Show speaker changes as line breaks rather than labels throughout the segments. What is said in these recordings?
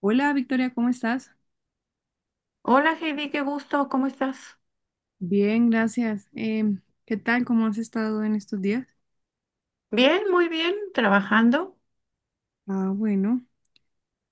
Hola Victoria, ¿cómo estás?
Hola Heidi, qué gusto, ¿cómo estás?
Bien, gracias. ¿Qué tal? ¿Cómo has estado en estos días?
Bien, muy bien, trabajando.
Ah, bueno,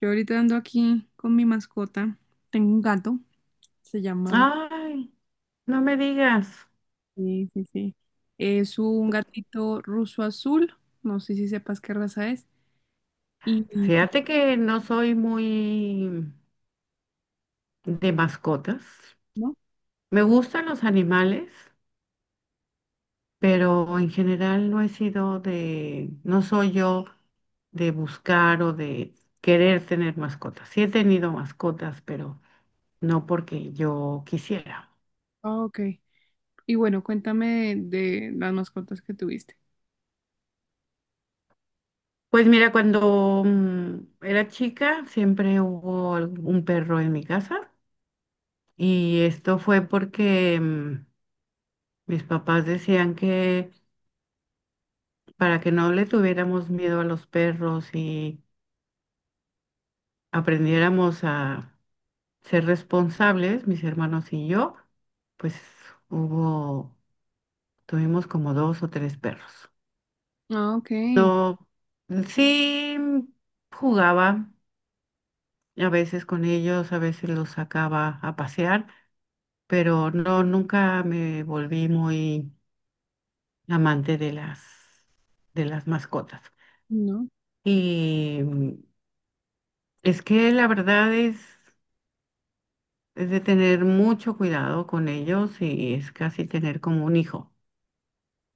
yo ahorita ando aquí con mi mascota. Tengo un gato, se llama...
Ay, no me digas.
Sí, sí, sí. Es un gatito ruso azul, no sé si sepas qué raza es. Y... y-
Fíjate que no soy muy de mascotas.
¿No?
Me gustan los animales, pero en general no he sido de, no soy yo de buscar o de querer tener mascotas. Sí he tenido mascotas, pero no porque yo quisiera.
Ah, ok. Y bueno, cuéntame de las mascotas que tuviste.
Pues mira, cuando era chica siempre hubo un perro en mi casa. Y esto fue porque mis papás decían que para que no le tuviéramos miedo a los perros y aprendiéramos a ser responsables, mis hermanos y yo, pues hubo, tuvimos como dos o tres perros.
Ah, ok.
No, sí jugaba a veces con ellos, a veces los sacaba a pasear, pero no, nunca me volví muy amante de las mascotas.
No,
Y es que la verdad es de tener mucho cuidado con ellos y es casi tener como un hijo,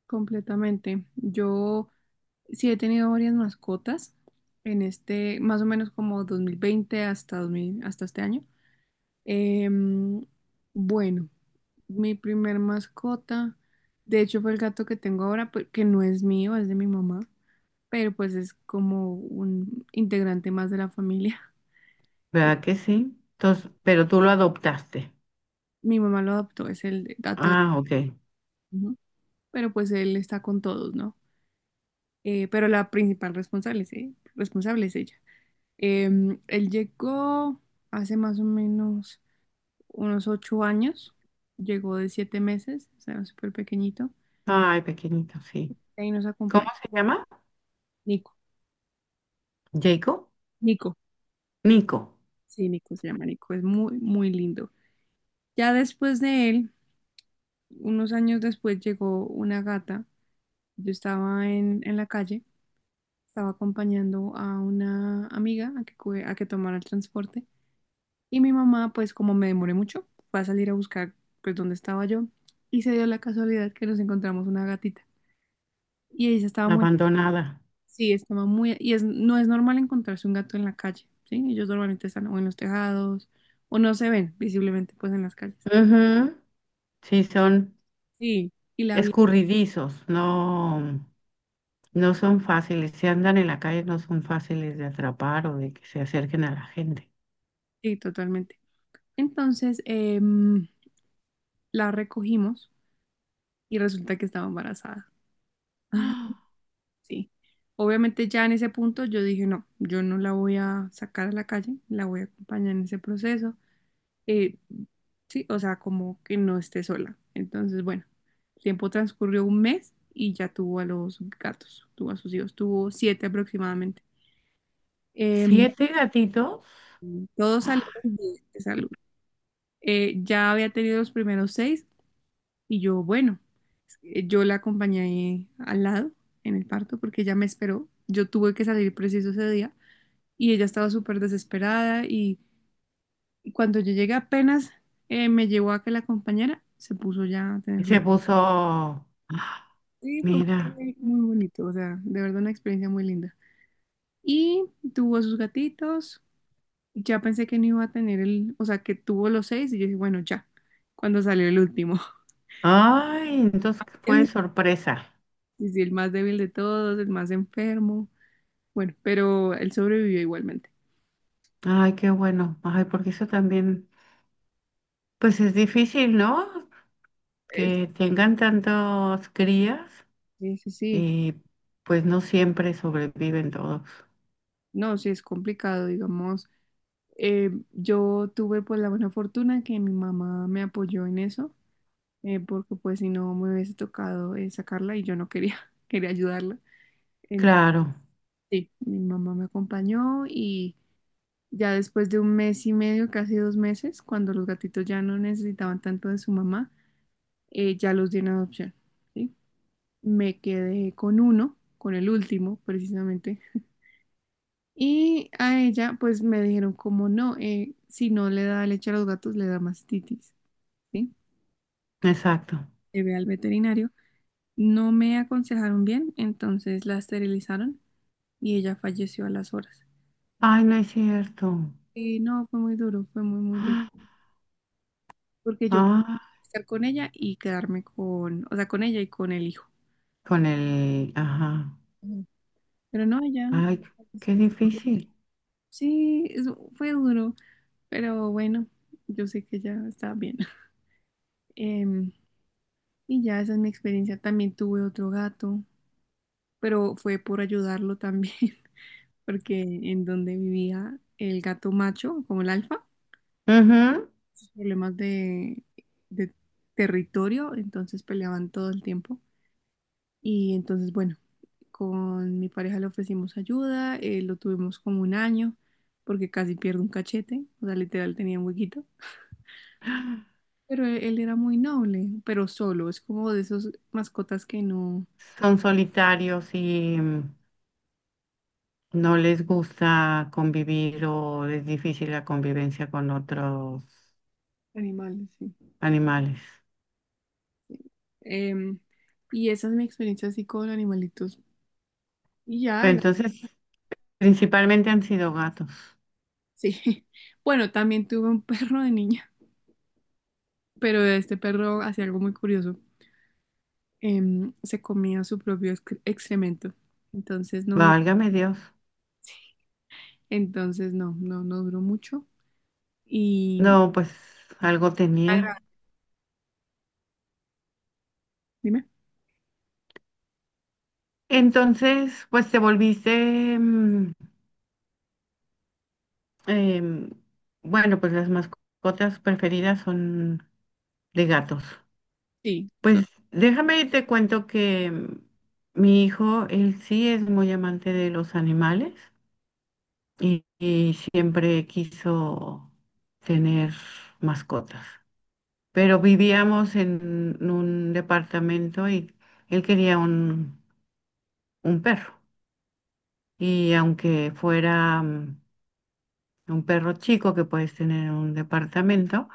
completamente. Yo... Sí, he tenido varias mascotas en este, más o menos como 2020 hasta 2000 hasta este año. Em, bueno, mi primer mascota, de hecho fue el gato que tengo ahora, que no es mío, es de mi mamá, pero pues es como un integrante más de la familia. Eh,
¿verdad que sí? Entonces, pero tú lo adoptaste.
Mi mamá lo adoptó, es el gato de...
Ah, ok.
Ujú. Pero pues él está con todos, ¿no? Pero la principal responsable es, responsable es ella. Él llegó hace más o menos unos 8 años, llegó de 7 meses, o sea, súper pequeñito,
Ay, pequeñito,
y
sí.
ahí nos
¿Cómo
acompaña.
se llama?
Nico,
Jacob.
Nico,
Nico.
sí, Nico se llama Nico, es muy, muy lindo. Ya después de él, unos años después llegó una gata, yo estaba en la calle, estaba acompañando a una amiga a que, a que tomara el transporte. Y mi mamá, pues como me demoré mucho, fue a salir a buscar pues dónde estaba yo, y se dio la casualidad que nos encontramos una gatita. Y ella estaba muy,
Abandonada.
sí, estaba muy, y es, no es normal encontrarse un gato en la calle, ¿sí? Ellos normalmente están o en los tejados o no se ven visiblemente pues en las calles.
Ujú. Sí, son
Sí. Y la vi,
escurridizos, no, no son fáciles. Si andan en la calle no son fáciles de atrapar o de que se acerquen a la gente.
sí, totalmente. Entonces la recogimos y resulta que estaba embarazada.
¡Ah!
Sí. Obviamente ya en ese punto yo dije, no, yo no la voy a sacar a la calle, la voy a acompañar en ese proceso. Eh, sí, o sea, como que no esté sola. Entonces, bueno, el tiempo transcurrió un mes y ya tuvo a los gatos, tuvo a sus hijos, tuvo siete aproximadamente. Eh,
¿Siete gatitos?
Todos salieron bien de salud. Ya había tenido los primeros seis y yo, bueno, yo la acompañé al lado en el parto porque ella me esperó. Yo tuve que salir preciso ese día y ella estaba súper desesperada y, cuando yo llegué apenas me llevó a que la compañera se puso ya a
Y
tener su...
se puso, ah,
Sí, fue
mira,
muy, muy bonito, o sea, de verdad una experiencia muy linda. Y tuvo sus gatitos, ya pensé que no iba a tener el, o sea, que tuvo los seis y yo dije, bueno, ya, cuando salió el último.
ay, entonces fue sorpresa.
Sí, sí, el más débil de todos, el más enfermo, bueno, pero él sobrevivió igualmente.
Ay, qué bueno. Ay, porque eso también, pues es difícil, ¿no?
Eh,
Que tengan tantos crías
Sí, sí, sí,
y pues no siempre sobreviven todos.
no, sí es complicado, digamos, yo tuve pues la buena fortuna que mi mamá me apoyó en eso, porque pues si no me hubiese tocado sacarla y yo no quería, quería ayudarla. Entonces,
Claro,
sí, mi mamá me acompañó y ya después de un mes y medio, casi 2 meses, cuando los gatitos ya no necesitaban tanto de su mamá, ya los di en adopción. ¿Sí? Me quedé con uno, con el último precisamente. Y a ella pues me dijeron como no, si no le da leche a los gatos, le da mastitis. ¿Sí?
exacto.
Llevé al veterinario, no me aconsejaron bien, entonces la esterilizaron y ella falleció a las horas.
Ay, no es cierto.
Y no, fue muy duro, fue muy, muy duro,
Ah,
porque yo quería
ah,
estar con ella y quedarme con, o sea, con ella y con el hijo.
con el, ajá.
Ujú. Pero no, ella
Ay,
falleció.
qué difícil.
Sí, fue duro, pero bueno, yo sé que ya está bien. Em, y ya esa es mi experiencia. También tuve otro gato, pero fue por ayudarlo también, porque en donde vivía el gato macho, como el alfa,
Ujú.
sus problemas de territorio, entonces peleaban todo el tiempo. Y entonces, bueno, con mi pareja le ofrecimos ayuda, lo tuvimos como un año, porque casi pierde un cachete, o sea, literal tenía un huequito. Pero él era muy noble, pero solo, es como de esos mascotas que no...
Son solitarios y no les gusta convivir o es difícil la convivencia con otros
Animales, sí.
animales.
Em, y esa es mi experiencia así con animalitos. Y ya,
Entonces, principalmente han sido gatos.
sí. Bueno, también tuve un perro de niña, pero este perro hacía algo muy curioso. Se comía su propio excremento. Entonces no duró,
Válgame Dios.
entonces no, no, no duró mucho. Y
No, pues algo tenía.
dime,
Entonces, pues te volviste, em, bueno, pues las mascotas preferidas son de gatos.
sí,
Pues déjame y te cuento que mi hijo, él sí es muy amante de los animales. Y, y siempre quiso tener mascotas. Pero vivíamos en un departamento y él quería un perro. Y aunque fuera un perro chico que puedes tener en un departamento,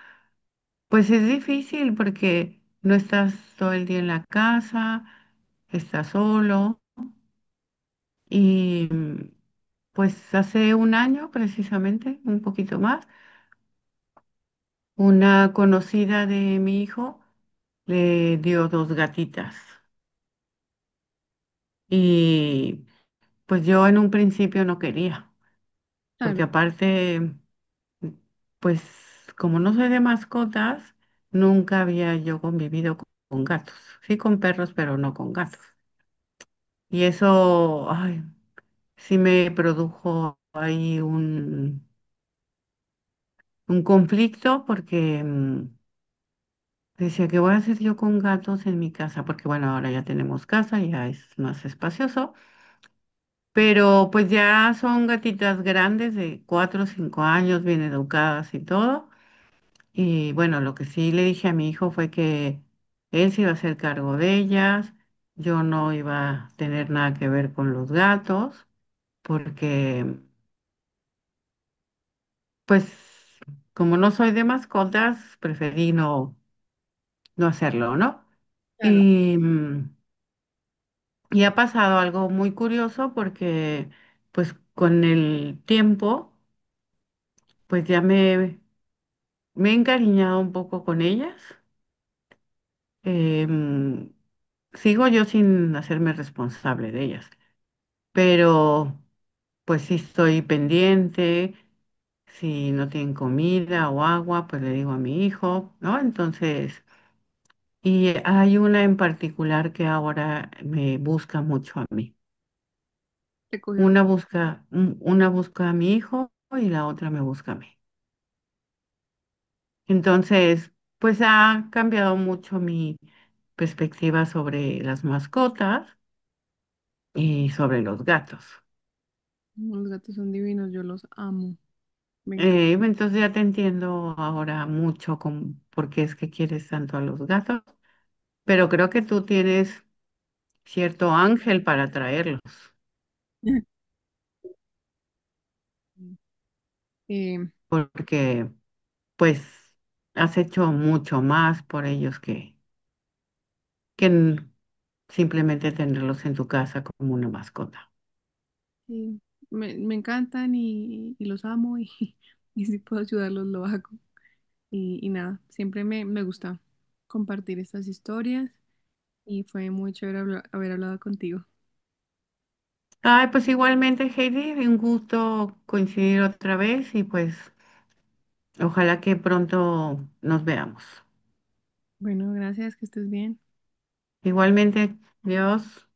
pues es difícil porque no estás todo el día en la casa, estás solo y pues hace un año precisamente, un poquito más. Una conocida de mi hijo le dio dos gatitas y pues yo en un principio no quería,
claro,
porque aparte, pues como no soy de mascotas, nunca había yo convivido con gatos, sí con perros, pero no con gatos. Y eso, ay, sí me produjo ahí un conflicto porque... mm, decía, ¿qué voy a hacer yo con gatos en mi casa? Porque bueno, ahora ya tenemos casa, ya es más espacioso, pero pues ya son gatitas grandes de 4 o 5 años, bien educadas y todo. Y bueno, lo que sí le dije a mi hijo fue que él se iba a hacer cargo de ellas, yo no iba a tener nada que ver con los gatos, porque pues como no soy de mascotas, preferí no, no hacerlo, ¿no?
claro.
Y... mm, Y ha pasado algo muy curioso porque pues con el tiempo pues ya me he encariñado un poco con ellas. Em, Sigo yo sin hacerme responsable de ellas, pero pues sí estoy pendiente, si no tienen comida o agua, pues le digo a mi hijo, ¿no? Entonces, y hay una en particular que ahora me busca mucho a mí.
Se cogió.
Una busca, una busca a mi hijo y la otra me busca a mí. Entonces, pues ha cambiado mucho mi perspectiva sobre las mascotas y sobre los gatos.
Los gatos son divinos, yo los amo. Me encantan.
Entonces ya te entiendo ahora mucho con por qué es que quieres tanto a los gatos, pero creo que tú tienes cierto ángel para traerlos,
Eh,
porque pues has hecho mucho más por ellos que que n- simplemente tenerlos en tu casa como una mascota.
sí, me encantan y, los amo y, y si puedo ayudarlos lo hago. Y, nada, siempre me gusta compartir estas historias y fue muy chévere haber hablado contigo.
Ay, pues igualmente, Heidi, un gusto coincidir otra vez y pues ojalá que pronto nos veamos.
Bueno, gracias, que estés bien.
Igualmente, Dios.